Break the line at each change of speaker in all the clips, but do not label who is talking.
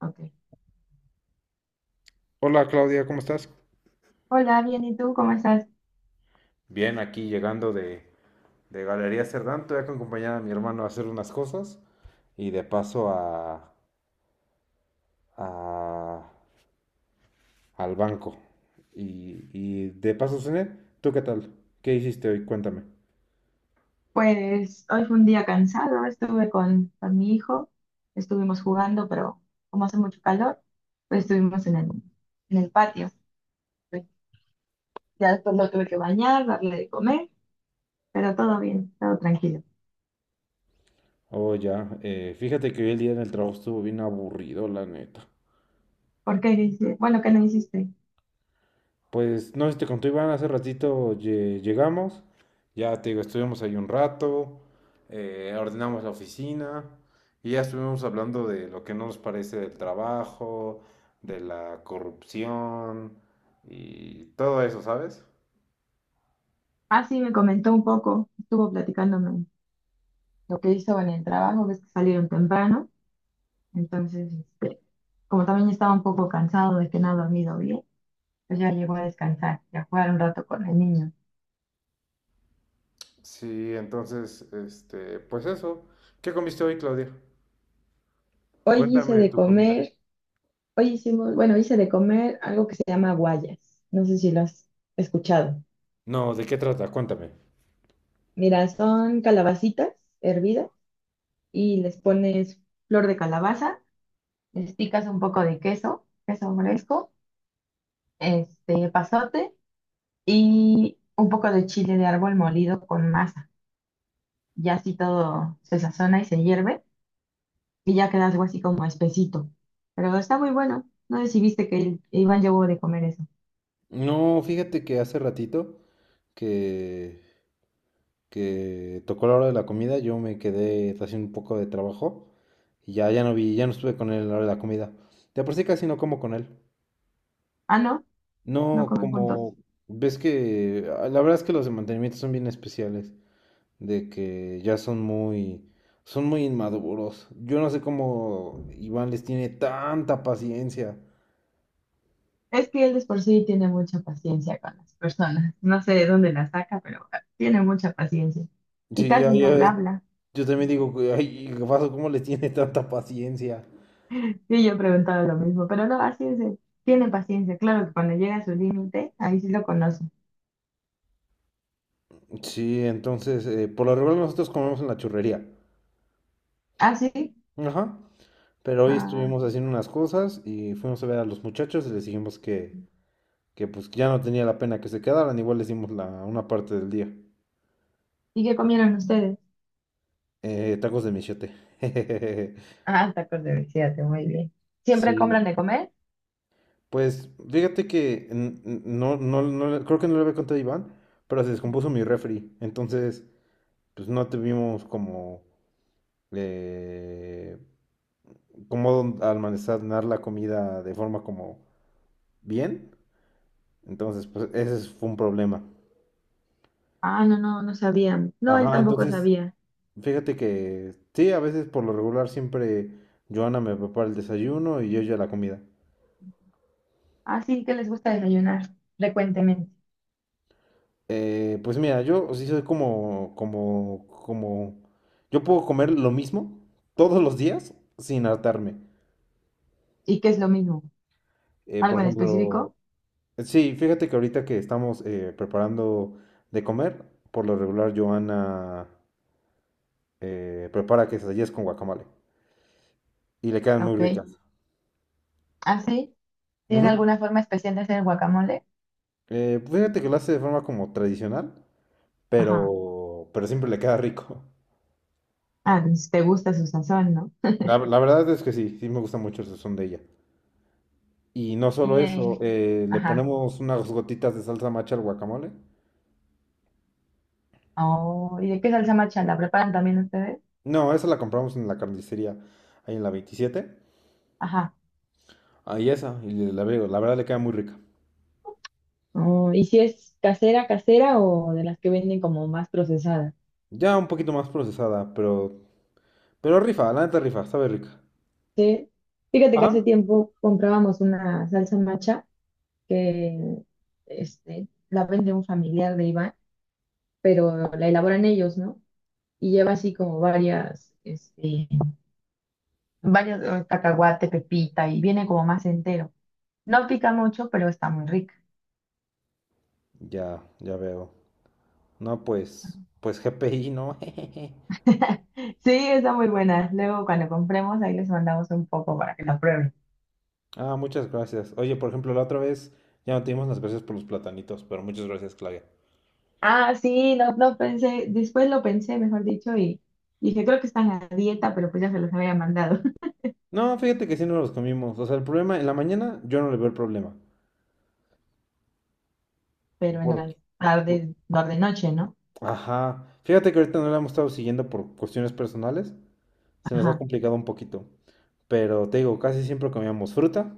Ok.
Hola Claudia, ¿cómo estás?
Hola, bien, ¿y tú cómo estás?
Bien, aquí llegando de Galería Cerdán, voy a acompañar a mi hermano a hacer unas cosas y de paso a, a- al banco. Y de paso, cené. ¿Tú qué tal? ¿Qué hiciste hoy? Cuéntame.
Pues hoy fue un día cansado, estuve con mi hijo, estuvimos jugando, pero como hace mucho calor, pues estuvimos en en el patio. Pues, ya después lo tuve que bañar, darle de comer, pero todo bien, todo tranquilo.
Oh, ya. Fíjate que hoy el día en el trabajo estuvo bien aburrido, la neta.
¿Por qué? Dice, bueno, ¿qué no hiciste?
Pues no sé si te conté, Iván, hace ratito llegamos, ya te digo, estuvimos ahí un rato, ordenamos la oficina y ya estuvimos hablando de lo que no nos parece del trabajo, de la corrupción y todo eso, ¿sabes?
Ah, sí, me comentó un poco, estuvo platicándome lo que hizo en el trabajo, ves que salieron temprano, entonces, como también estaba un poco cansado de que no ha dormido bien. Pues ya llegó a descansar y a jugar un rato con el niño.
Sí, entonces, este, pues eso. ¿Qué comiste hoy, Claudia?
Hoy
Cuéntame
hice
de
de
tu comida.
comer, hice de comer algo que se llama guayas. No sé si lo has escuchado.
No, ¿de qué trata? Cuéntame.
Mira, son calabacitas hervidas y les pones flor de calabaza. Les picas un poco de queso, queso fresco, este pasote y un poco de chile de árbol molido con masa. Ya así todo se sazona y se hierve, y ya queda algo así como espesito. Pero está muy bueno. No sé si viste que Iván llevó de comer eso.
No, fíjate que hace ratito que que tocó la hora de la comida, yo me quedé haciendo un poco de trabajo y ya, ya no vi, ya no estuve con él a la hora de la comida. De por sí casi no como con él.
Ah, no, no
No
comen juntos.
como, ves que, ah, la verdad es que los de mantenimiento son bien especiales, de que ya son muy inmaduros. Yo no sé cómo Iván les tiene tanta paciencia.
Es que él de por sí tiene mucha paciencia con las personas. No sé de dónde la saca, pero tiene mucha paciencia. Y
Sí,
casi no
ya
bla
ves,
habla.
yo también digo, que, ay, Gabazo, ¿cómo les tiene tanta paciencia?
Y yo he preguntado lo mismo, pero no, así es él. Tiene paciencia. Claro que cuando llega a su límite, ahí sí lo conoce.
Sí, entonces, por lo regular nosotros comemos en la churrería.
¿Ah, sí?
Ajá. Pero hoy
Ah,
estuvimos haciendo unas cosas y fuimos a ver a los muchachos y les dijimos que pues que ya no tenía la pena que se quedaran, igual les dimos la, una parte del día.
¿y qué comieron ustedes?
Tacos de michote.
Ah, tacos de fíjate, muy bien. ¿Siempre
Sí.
compran de comer?
Pues fíjate que no, no, creo que no le había contado a Iván, pero se descompuso mi refri. Entonces, pues no tuvimos como eh, cómo almacenar la comida de forma como bien. Entonces, pues ese fue un problema.
Ah, no, no, no sabía. No, él
Ajá,
tampoco
entonces,
sabía.
fíjate que sí, a veces por lo regular siempre Joana me prepara el desayuno y yo ya la comida.
Así que les gusta desayunar frecuentemente.
Pues mira, yo sí soy como, como, como, yo puedo comer lo mismo todos los días sin hartarme.
¿Y qué es lo mismo?
Por
¿Algo en
ejemplo,
específico?
sí, fíjate que ahorita que estamos preparando de comer, por lo regular Joana prepara quesadillas con guacamole y le quedan muy
Ok.
ricas.
¿Así? ¿Tienen
Ujú.
alguna forma especial de hacer guacamole?
Fíjate que lo hace de forma como tradicional.
Ajá.
Pero siempre le queda rico.
Ah, pues, te gusta su sazón, ¿no?
La verdad es que sí, sí me gusta mucho el sazón de ella. Y no solo
Y,
eso, le
ajá.
ponemos unas gotitas de salsa macha al guacamole.
Oh, ¿y de qué salsa macha la preparan también ustedes?
No, esa la compramos en la carnicería, ahí en la 27.
Ajá.
Ahí esa, y veo, la verdad le queda muy rica.
Oh, ¿y si es casera, casera o de las que venden como más procesadas?
Ya un poquito más procesada, pero rifa, la neta rifa, sabe rica.
Sí. Fíjate que hace
Ajá.
tiempo comprábamos una salsa macha que la vende un familiar de Iván, pero la elaboran ellos, ¿no? Y lleva así como varias, varios cacahuate, pepita, y viene como más entero. No pica mucho, pero está muy rica.
Ya, ya veo. No, pues, pues GPI, ¿no?
Sí, está muy buena. Luego cuando compremos, ahí les mandamos un poco para que la prueben.
Ah, muchas gracias. Oye, por ejemplo, la otra vez ya no te dimos las gracias por los platanitos, pero muchas gracias, Claudia.
Ah, sí, no, no pensé, después lo pensé, mejor dicho, y dije, creo que están a dieta, pero pues ya se los había mandado.
No, fíjate que sí no los comimos. O sea, el problema, en la mañana yo no le veo el problema.
Pero en las
Porque,
tardes, tarde noche, ¿no?
ajá. Fíjate que ahorita no la hemos estado siguiendo por cuestiones personales. Se nos ha
Ajá.
complicado un poquito. Pero te digo, casi siempre comíamos fruta,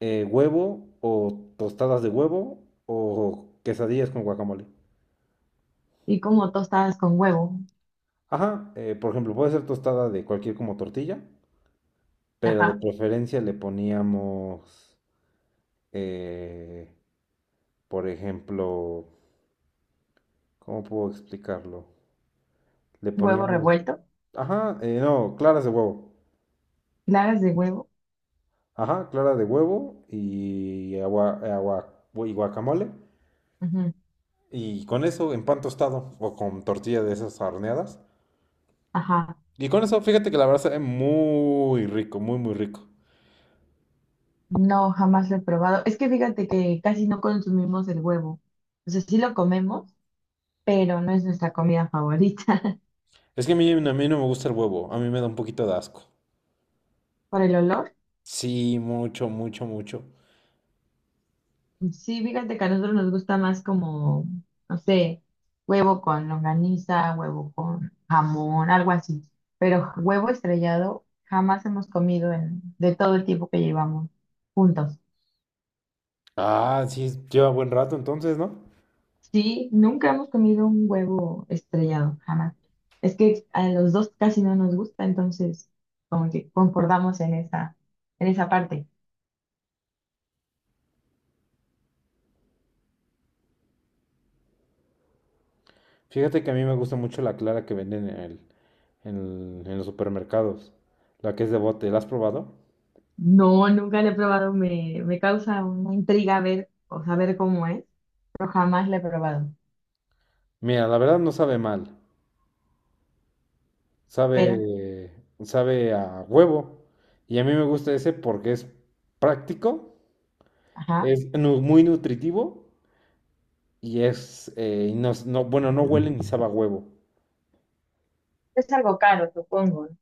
huevo o tostadas de huevo o quesadillas con guacamole.
Y como tostadas con huevo,
Ajá, por ejemplo, puede ser tostada de cualquier como tortilla, pero de
ajá,
preferencia le poníamos, eh, por ejemplo, ¿cómo puedo explicarlo? Le
huevo
poníamos,
revuelto,
ajá, no, claras de huevo.
claras de huevo.
Ajá, clara de huevo y agua, agua y guacamole. Y con eso en pan tostado o con tortilla de esas horneadas.
Ajá,
Y con eso, fíjate que la verdad sabe muy rico, muy, muy rico.
no, jamás lo he probado. Es que fíjate que casi no consumimos el huevo. O sea, sí lo comemos, pero no es nuestra comida favorita.
Es que a mí no me gusta el huevo, a mí me da un poquito de asco.
Por el olor,
Sí, mucho, mucho, mucho.
sí, fíjate que a nosotros nos gusta más como, no sé, huevo con longaniza, huevo con jamón, algo así. Pero huevo estrellado jamás hemos comido en, de todo el tiempo que llevamos juntos.
Ah, sí, lleva buen rato entonces, ¿no?
Sí, nunca hemos comido un huevo estrellado, jamás. Es que a los dos casi no nos gusta, entonces como que concordamos en esa parte.
Fíjate que a mí me gusta mucho la clara que venden en el, en, en los supermercados. La que es de bote, ¿la has probado?
No, nunca lo he probado, me causa una intriga ver o saber cómo es, pero jamás lo he probado.
Mira, la verdad no sabe mal,
Pero,
sabe, sabe a huevo. Y a mí me gusta ese porque es práctico,
ajá,
es muy nutritivo y es, y bueno, no huele ni sabe a huevo.
es algo caro, supongo, ¿no?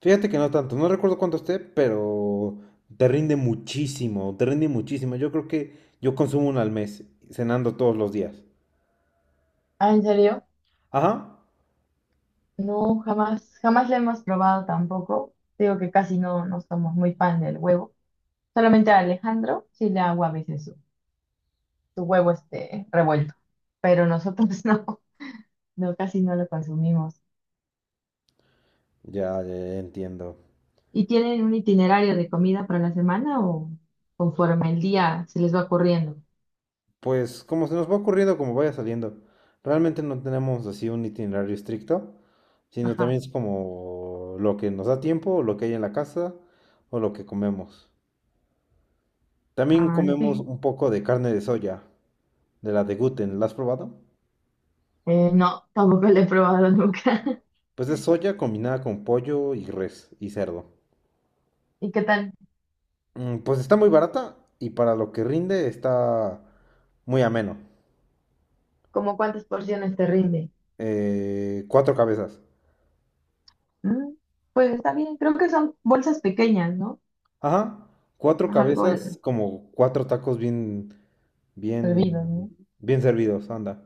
Fíjate que no tanto, no recuerdo cuánto esté, pero te rinde muchísimo, te rinde muchísimo. Yo creo que yo consumo uno al mes, cenando todos los días.
Ah, ¿en serio?
Ajá,
No, jamás, jamás lo hemos probado tampoco. Digo que casi no, no somos muy fan del huevo. Solamente a Alejandro sí le hago a veces su huevo este revuelto, pero nosotros no, no, casi no lo consumimos.
ya, ya ya entiendo.
¿Y tienen un itinerario de comida para la semana o conforme el día se les va ocurriendo?
Pues como se nos va ocurriendo, como vaya saliendo. Realmente no tenemos así un itinerario estricto, sino
Ajá.
también es como lo que nos da tiempo, lo que hay en la casa o lo que comemos. También
Ah,
comemos
sí.
un poco de carne de soya, de la de Guten, ¿la has probado?
No, tampoco lo he probado nunca.
Pues es soya combinada con pollo y res y cerdo.
¿Y qué tal?
Mm, pues está muy barata y para lo que rinde está muy ameno.
¿Cómo cuántas porciones te rinde?
Cuatro cabezas.
Mm, pues está bien, creo que son bolsas pequeñas, ¿no?
Ajá, cuatro
Es algo
cabezas como cuatro tacos bien. Bien,
servido, ¿no?
bien servidos, anda.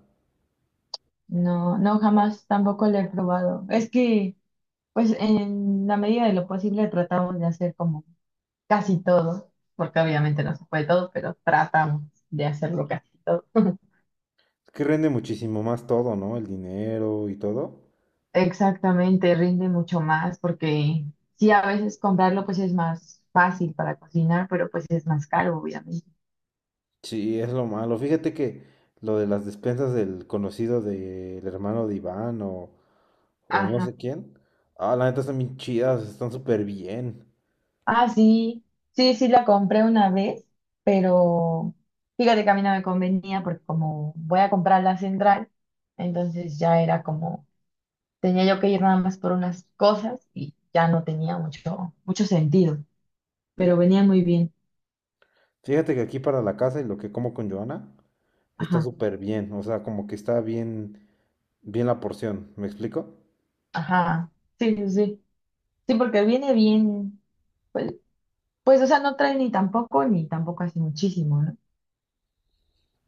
No, no, jamás tampoco lo he probado. Es que, pues en la medida de lo posible tratamos de hacer como casi todo, porque obviamente no se puede todo, pero tratamos de hacerlo casi todo.
Es que rinde muchísimo más todo, ¿no? El dinero y todo.
Exactamente, rinde mucho más porque sí, a veces comprarlo pues es más fácil para cocinar, pero pues es más caro, obviamente.
Sí, es lo malo. Fíjate que lo de las despensas del conocido del hermano de Iván o no
Ajá.
sé quién. Ah, la neta están bien chidas, están súper bien.
Ah, sí, sí, sí la compré una vez, pero fíjate que a mí no me convenía porque como voy a comprar la central, entonces ya era como, tenía yo que ir nada más por unas cosas y ya no tenía mucho, mucho sentido, pero venía muy bien.
Fíjate que aquí para la casa y lo que como con Joana está
Ajá,
súper bien. O sea, como que está bien, bien la porción. ¿Me explico?
ajá. Sí, sí, sí. Sí, porque viene bien, pues, pues, o sea, no trae ni tampoco, ni tampoco así muchísimo, ¿no?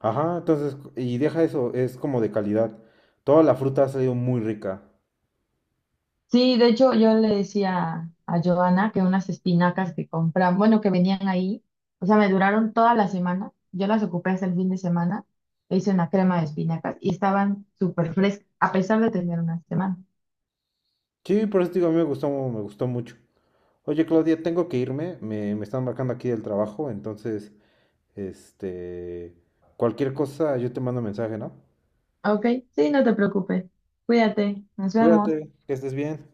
Ajá, entonces, y deja eso, es como de calidad. Toda la fruta ha salido muy rica.
Sí, de hecho, yo le decía a Giovanna que unas espinacas que compran, bueno, que venían ahí, o sea, me duraron toda la semana. Yo las ocupé hasta el fin de semana, e hice una crema de espinacas y estaban súper frescas, a pesar de tener una semana.
Sí, por eso te digo, a mí me gustó mucho. Oye, Claudia, tengo que irme, me están marcando aquí del trabajo, entonces, este, cualquier cosa, yo te mando mensaje, ¿no?
Ok, sí, no te preocupes. Cuídate, nos vemos.
Cuídate, que estés bien.